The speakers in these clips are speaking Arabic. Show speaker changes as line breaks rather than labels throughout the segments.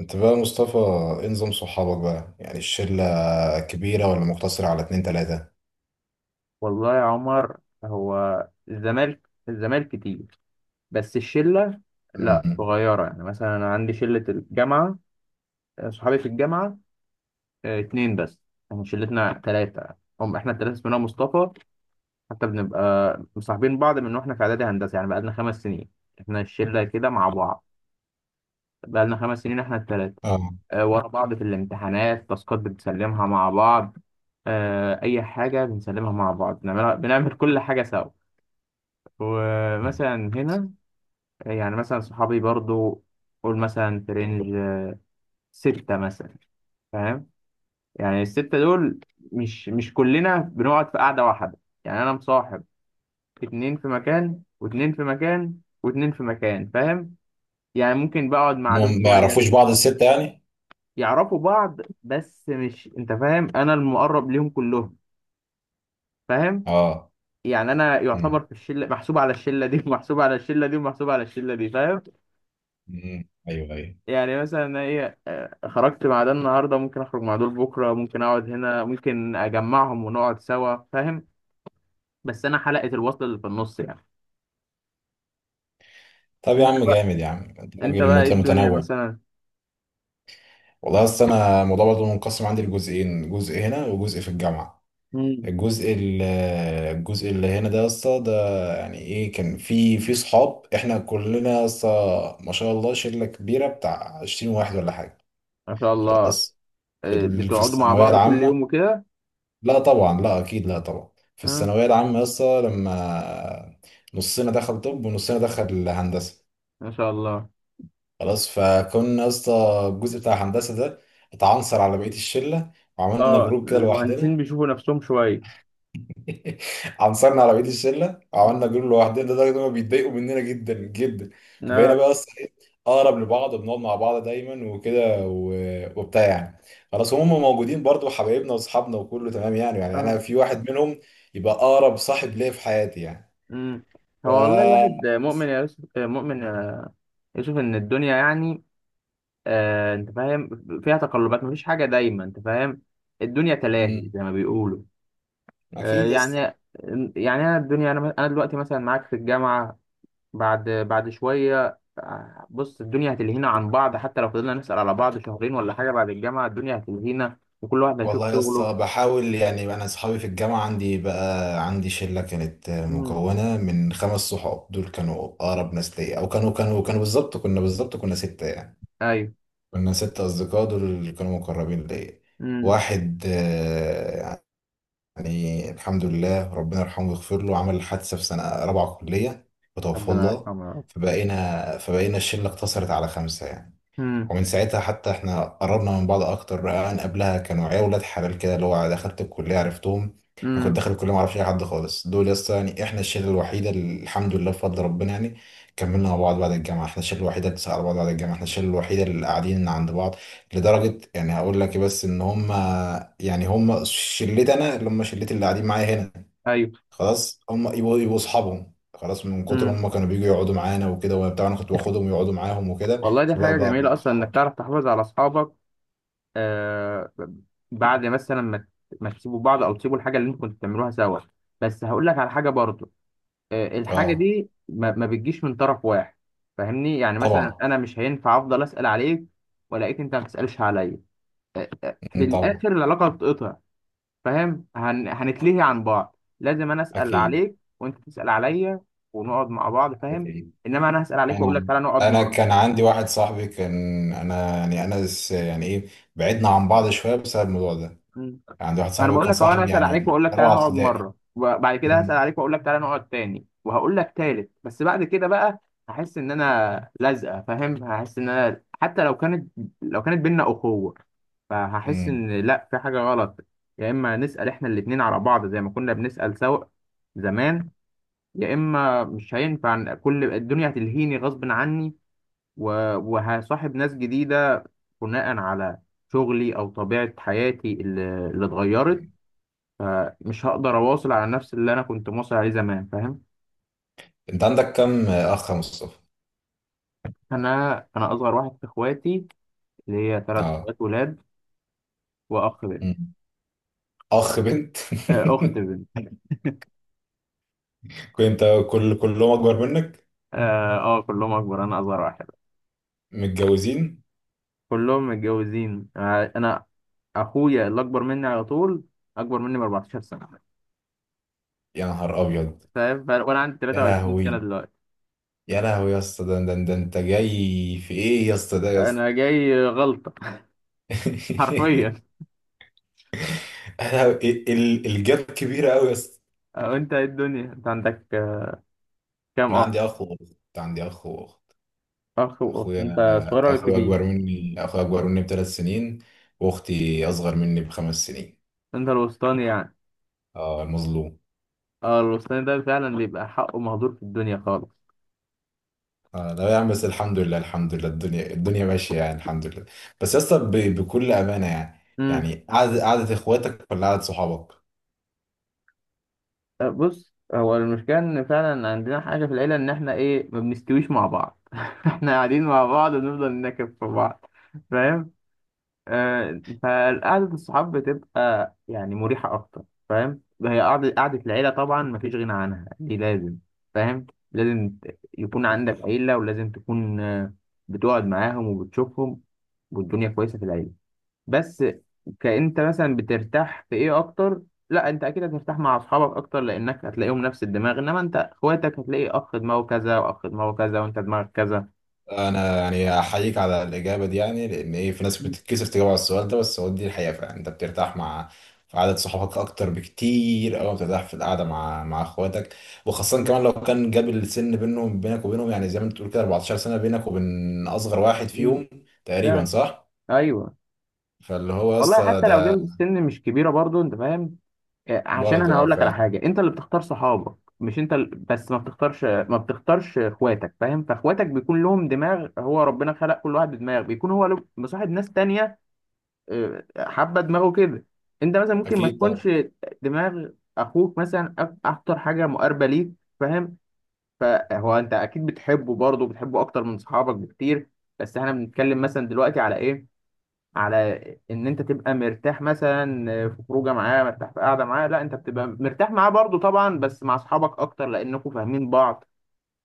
انت بقى يا مصطفى، ايه نظام صحابك بقى؟ يعني الشلة كبيرة ولا مقتصرة على اتنين تلاتة؟
والله يا عمر، هو الزمالك كتير، بس الشلة لا،
امم
صغيرة. يعني مثلا أنا عندي شلة الجامعة. صحابي في الجامعة اتنين بس. احنا شلتنا تلاتة. هم احنا التلاتة اسمنا مصطفى، حتى بنبقى مصاحبين بعض من واحنا في إعدادي هندسة، يعني بقالنا 5 سنين احنا الشلة كده مع بعض. بقالنا 5 سنين احنا التلاتة.
اه
ورا بعض في الامتحانات، تاسكات بنسلمها مع بعض، أي حاجة بنسلمها مع بعض، بنعملها، بنعمل كل حاجة سوا. ومثلا هنا، يعني مثلا صحابي برضو، قول مثلا في رينج ستة مثلا، فاهم؟ يعني الستة دول مش كلنا بنقعد في قعدة واحدة. يعني أنا مصاحب اتنين في مكان، واتنين في مكان، واتنين في مكان، فاهم؟ يعني ممكن بقعد مع دول
هم ما
شوية.
يعرفوش بعض الستة يعني؟
يعرفوا بعض، بس مش، أنت فاهم، أنا المقرب ليهم كلهم، فاهم؟
اه.
يعني أنا يعتبر
امم
في الشلة محسوب على الشلة دي ومحسوب على الشلة دي ومحسوب على الشلة دي، فاهم؟
ايوه ايوه.
يعني مثلا أنا ايه، خرجت مع ده النهارده، ممكن اخرج مع دول بكره، ممكن اقعد هنا، ممكن اجمعهم ونقعد سوا، فاهم؟ بس انا حلقه الوصل اللي في النص يعني.
طب يا
انت
عم
بقى
جامد، يا عم انت
انت
راجل
بقى ايه الدنيا
متنوع.
مثلا؟
والله اصل انا الموضوع برضه منقسم عندي لجزئين، جزء هنا وجزء في الجامعة.
مم.
الجزء ال- الجزء اللي هنا ده يا اسطى ده يعني ايه، كان في صحاب احنا كلنا يا اسطى ما شاء الله شلة كبيرة بتاع 20 واحد ولا حاجة.
ما شاء الله.
خلاص. في
بتقعدوا مع
الثانوية
بعض كل
العامة
يوم وكده؟
لا طبعا، لا أكيد لا طبعا. في
اه،
الثانوية العامة يسطا لما نصنا دخل طب ونصنا دخل هندسة،
ما شاء الله.
خلاص فكنا يسطا الجزء بتاع هندسة ده اتعنصر على بقية الشلة وعملنا
اه،
جروب كده
المهندسين
لوحدنا.
بيشوفوا نفسهم شويه.
عنصرنا على بقيه الشله وعملنا جروب لوحدنا لدرجه ان هم بيتضايقوا مننا جدا جدا. فبقينا
اه.
بقى اصلا اقرب لبعض وبنقعد مع بعض دايما وكده وبتاع يعني. خلاص هم موجودين برضو حبايبنا واصحابنا وكله تمام يعني، يعني
اه.
انا في واحد منهم يبقى اقرب صاحب ليا في حياتي يعني.
امم.
ف
هو والله الواحد مؤمن يا يوسف ان الدنيا يعني، انت فاهم، فيها تقلبات، مفيش حاجه دايما، انت فاهم. الدنيا تلاهي
مم.
زي ما بيقولوا. آه
اكيد
يعني
يس.
يعني انا، الدنيا انا انا دلوقتي مثلا معاك في الجامعه، بعد شويه، بص الدنيا هتلهينا عن بعض، حتى لو فضلنا نسال على بعض شهرين ولا حاجه، بعد الجامعه الدنيا هتلهينا وكل واحد هيشوف
والله يا
شغله.
اسطى بحاول يعني. انا اصحابي في الجامعه عندي عندي شله كانت
امم.
مكونه من خمس صحاب، دول كانوا اقرب ناس ليا، او كانوا بالظبط، كنا بالظبط كنا سته يعني.
ايوه.
كنا سته اصدقاء دول اللي كانوا مقربين ليا.
امم.
واحد يعني الحمد لله ربنا يرحمه ويغفر له، عمل حادثه في سنه رابعه كليه وتوفى
ربنا
الله.
يرحمه يا رب.
فبقينا الشله اقتصرت على خمسه يعني.
امم.
ومن ساعتها حتى احنا قربنا من بعض اكتر. انا قبلها كانوا عيال ولاد حلال كده، اللي هو دخلت الكليه عرفتهم. انا كنت
امم.
داخل الكليه ما اعرفش اي حد خالص، دول لسه يعني احنا الشله الوحيده اللي الحمد لله بفضل ربنا يعني كملنا مع بعض بعد الجامعه، احنا الشله الوحيده اللي بتسأل على بعض بعد الجامعه، احنا الشله الوحيده اللي قاعدين عند بعض. لدرجه يعني هقول لك إيه بس، ان هم يعني هم شلتي، انا اللي هم شلتي اللي قاعدين معايا هنا.
ايوه.
خلاص هم يبقوا اصحابهم، خلاص من كتر ما
امم.
هم كانوا بييجوا يقعدوا معانا وكده وبتاع، انا كنت باخدهم يقعدوا معاهم وكده
والله دي حاجه
فبقى بقى
جميله
بقى
اصلا، انك
اصحاب.
تعرف تحافظ على اصحابك آه بعد مثلا ما، ما تسيبوا بعض، او تسيبوا الحاجه اللي انتوا كنتوا بتعملوها سوا. بس هقول لك على حاجه برضو، الحاجه
اه
دي ما بتجيش من طرف واحد، فاهمني؟ يعني مثلا
طبعا.
انا مش هينفع افضل اسال عليك والاقيك انت ما بتسالش عليا. في
أمم، طبعا.
الاخر العلاقه بتتقطع، فاهم؟ هنتلهي عن بعض. لازم انا اسال
اكيد
عليك وانت تسال عليا، ونقعد مع بعض، فاهم؟
اكيد.
انما انا هسال عليك واقول لك
انا
تعالى نقعد
انا
مره.
كان عندي واحد صاحبي كان، انا يعني يعني ايه، بعدنا عن بعض شويه بسبب الموضوع ده. كان عندي واحد
انا
صاحبي
بقول
وكان
لك اهو، انا
صاحبي
هسال
يعني
عليك
من
واقول لك تعالى
رابعه
نقعد
ابتدائي.
مره، وبعد كده هسال
أمم،
عليك واقول لك تعالى نقعد تاني، وهقول لك تالت، بس بعد كده بقى هحس ان انا لازقه، فاهم؟ هحس ان انا حتى لو كانت، لو كانت بينا اخوه، فهحس
أمم.
ان لا، في حاجه غلط. يا اما نسال احنا الاتنين على بعض زي ما كنا بنسال سوا زمان، يا اما مش هينفع. إن كل الدنيا هتلهيني غصب عني، وهصاحب ناس جديده بناء على شغلي او طبيعه حياتي اللي اتغيرت، فمش هقدر اواصل على نفس اللي انا كنت مواصل عليه زمان، فاهم؟
انت عندك كم اخ يا مصطفى؟
انا اصغر واحد في اخواتي، اللي هي ثلاث
اه.
اخوات ولاد واخ بنت.
أمم. اخ بنت؟
اخت بنت.
كنت كل كلهم اكبر منك؟
كلهم اكبر، انا اصغر واحد.
متجوزين؟
كلهم متجوزين. انا اخويا اللي اكبر مني على طول، اكبر مني ب 14 سنه،
يا نهار ابيض.
فاهم؟ وانا عندي
يا
23 سنه
لهوي،
دلوقتي.
يا لهوي يا اسطى، ده انت جاي في ايه يا اسطى؟ ده يا اسطى.
انا جاي غلطه حرفيا.
احنا الجاب كبيرة قوي بس.
انت إيه الدنيا، انت عندك كام
انا
اخ؟
عندي اخ واخت، عندي اخ واخت.
اخ واخت، انت
اخويا
صغير ولا
اخويا
كبير؟
اكبر مني اخويا اكبر مني بثلاث سنين، واختي اصغر مني بخمس سنين.
انت الوسطاني يعني؟
اه المظلوم.
اه، الوسطاني ده فعلا بيبقى حقه مهدور في الدنيا خالص.
اه لا يا عم بس الحمد لله الحمد لله، الدنيا ماشية يعني الحمد لله. بس يا اسطى بكل امانة يعني،
امم.
يعني قعدة اخواتك ولا قعدة صحابك؟
بص هو المشكلة، ان فعلا عندنا حاجة في العيلة، ان احنا ايه، ما بنستويش مع بعض احنا قاعدين مع بعض ونفضل ننكب في بعض، فاهم؟ فقعدة الصحاب بتبقى يعني مريحة اكتر، فاهم؟ هي قعدة، قعدة العيلة طبعا مفيش غنى عنها، دي لازم، فاهم؟ لازم يكون عندك عيلة، ولازم تكون بتقعد معاهم وبتشوفهم، والدنيا كويسة في العيلة. بس كأنت مثلا بترتاح في ايه اكتر؟ لا، انت اكيد هترتاح مع اصحابك اكتر لانك هتلاقيهم نفس الدماغ، انما انت اخواتك هتلاقي اخ دماغه كذا واخ دماغه كذا وانت دماغك كذا.
انا يعني احييك على الاجابه دي يعني، لان ايه في ناس
مم.
بتتكسف تجاوب على السؤال ده، بس هو دي الحقيقه فعلا. انت بترتاح مع في عدد صحابك اكتر بكتير او بترتاح في القعده مع اخواتك؟ وخاصه
مم.
كمان لو كان جاب السن بينهم، بينك وبينهم يعني زي ما انت بتقول كده، 14 سنه بينك وبين اصغر واحد
مم.
فيهم تقريبا،
فعلا.
صح؟
ايوه.
فاللي هو يا
والله
اسطى
حتى لو
ده.
جنب السن مش كبيره برضو، انت فاهم؟ عشان
برضه
انا
اه
هقول لك على
فعلا.
حاجه، انت اللي بتختار صحابك، مش انت بس ما بتختارش، ما بتختارش اخواتك، فاهم؟ فاخواتك بيكون لهم دماغ، هو ربنا خلق كل واحد بدماغ، بيكون هو مصاحب ناس تانية، حابه دماغه كده. انت مثلا ممكن ما
اكيد طبعا.
تكونش دماغ اخوك مثلا، اكتر حاجه مقاربه ليك، فاهم؟ فهو انت اكيد بتحبه، برضه بتحبه اكتر من صحابك بكتير، بس احنا بنتكلم مثلا دلوقتي على ايه، على ان انت تبقى مرتاح مثلا في خروجه معاه، مرتاح في قاعده معاه. لا، انت بتبقى مرتاح معاه برضه طبعا، بس مع اصحابك اكتر لانكم فاهمين بعض،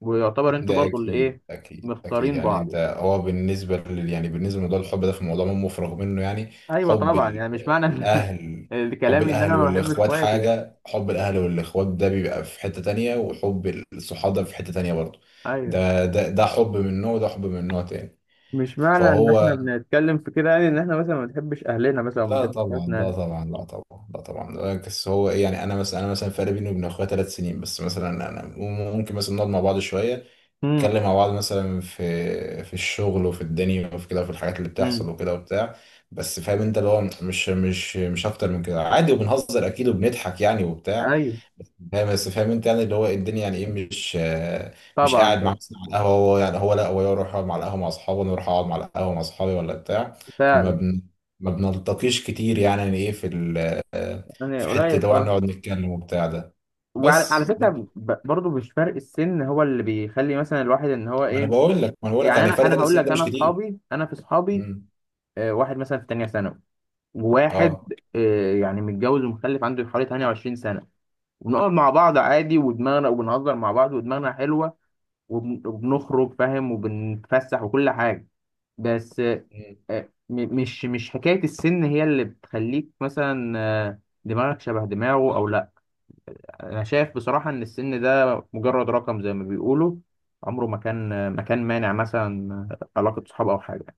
ويعتبر انتوا
ده
برضه اللي
اكيد
ايه،
اكيد اكيد
مختارين
يعني.
بعض
انت
يعني.
هو بالنسبه لل يعني بالنسبه لموضوع الحب ده، في موضوع ما مفرغ منه يعني.
ايوه
حب
طبعا،
ال-
يعني مش معنى
الاهل، حب
الكلام ان
الاهل
انا ما بحبش
والاخوات
اخواتي يعني.
حاجه، حب الاهل والاخوات ده بيبقى في حته تانية وحب الصحاب ده في حته تانية برضه.
ايوه،
ده حب من نوع وده حب من نوع تاني.
مش معنى ان
فهو
احنا بنتكلم في كده، يعني ان احنا مثلا ما بنحبش اهلنا مثلا وما
لا
بنحبش
طبعا لا
اخواتنا.
طبعا لا طبعا لا طبعا. بس هو ايه يعني، انا مثلا فرق بيني وبين اخويا ثلاث سنين بس. مثلا انا ممكن مثلا نقعد مع بعض شويه،
امم.
نتكلم مع بعض مثلا في الشغل وفي الدنيا وفي كده وفي الحاجات اللي بتحصل
امم.
وكده وبتاع. بس فاهم انت اللي هو مش اكتر من كده عادي، وبنهزر اكيد وبنضحك يعني وبتاع.
ايوه
بس فاهم انت يعني، اللي هو الدنيا يعني ايه مش مش
طبعا.
قاعد مع مثلا على القهوه، هو يعني هو لا، هو يروح يقعد مع القهوه مع اصحابه وانا اروح اقعد مع القهوه مع اصحابي ولا بتاع. فما
فعلا،
بن ما بنلتقيش كتير يعني، يعني ايه في ال...
يعني
في حته
قليل
ده
خالص.
نقعد نتكلم وبتاع ده.
وعلى، على
بس ده
فكره،
كده.
برضو مش فرق السن هو اللي بيخلي مثلا الواحد ان هو
ما انا
ايه،
بقول لك ما انا بقول لك
يعني
يعني
انا
فرق
انا
ثلاث
هقول
سنين
لك،
ده
انا
مش كتير.
اصحابي، انا في اصحابي
مم.
واحد مثلا في تانية ثانوي، وواحد
اه.
يعني متجوز ومخلف، عنده حوالي 28 سنه، وبنقعد مع بعض عادي ودماغنا، وبنهزر مع بعض ودماغنا حلوه، وبنخرج، فاهم، وبنتفسح وكل حاجه. بس
مم.
مش حكاية السن هي اللي بتخليك مثلا دماغك شبه دماغه أو لأ. أنا شايف بصراحة إن السن ده مجرد رقم زي ما بيقولوا، عمره ما كان، ما كان مانع مثلا علاقة صحاب أو حاجة.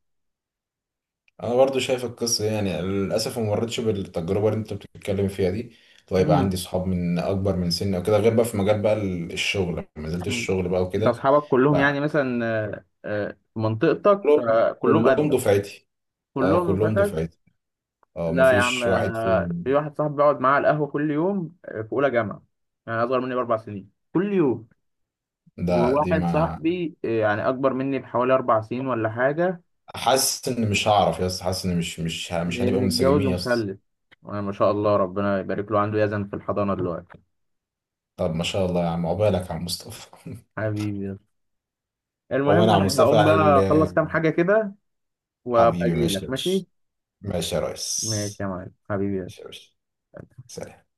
انا برضو شايف القصه دي، يعني للاسف ما مرتش بالتجربه اللي انت بتتكلم فيها دي، ويبقى
مم.
عندي صحاب من اكبر من سني او كده، غير بقى في مجال بقى الشغل لما نزلت
مم.
الشغل بقى
أنت
وكده.
أصحابك كلهم يعني
بقى
مثلا، في منطقتك،
كلهم
كلهم
كلهم
قدك؟
دفعتي. اه
كلهم
كلهم
رفقاتك؟
دفعتي. اه ما
لا يا عم،
فيش واحد
في
فيهم.
واحد صاحبي بقعد معاه على القهوة كل يوم، في أولى جامعة، يعني أصغر مني بـ4 سنين، كل يوم.
ده دي
وواحد
ما
صاحبي يعني أكبر مني بحوالي 4 سنين ولا حاجة،
حاسس ان مش هعرف يا اسطى، حاسس ان مش مش هنبقى
متجوز
منسجمين يا اسطى.
ومخلف. ما شاء الله ربنا يبارك له، عنده يزن في الحضانة دلوقتي.
طب ما شاء الله يا عم، عقبالك يا عم مصطفى.
حبيبي،
عقبالك
المهم
يا عم
أنا
مصطفى
هقوم
يعني
بقى أخلص كام حاجة كده وأبقى
حبيبي. ماشي
أجيلك،
يا باشا،
ماشي؟
ماشي يا
ماشي
ريس،
يا معلم، حبيبي.
ماشي يا باشا، سلام.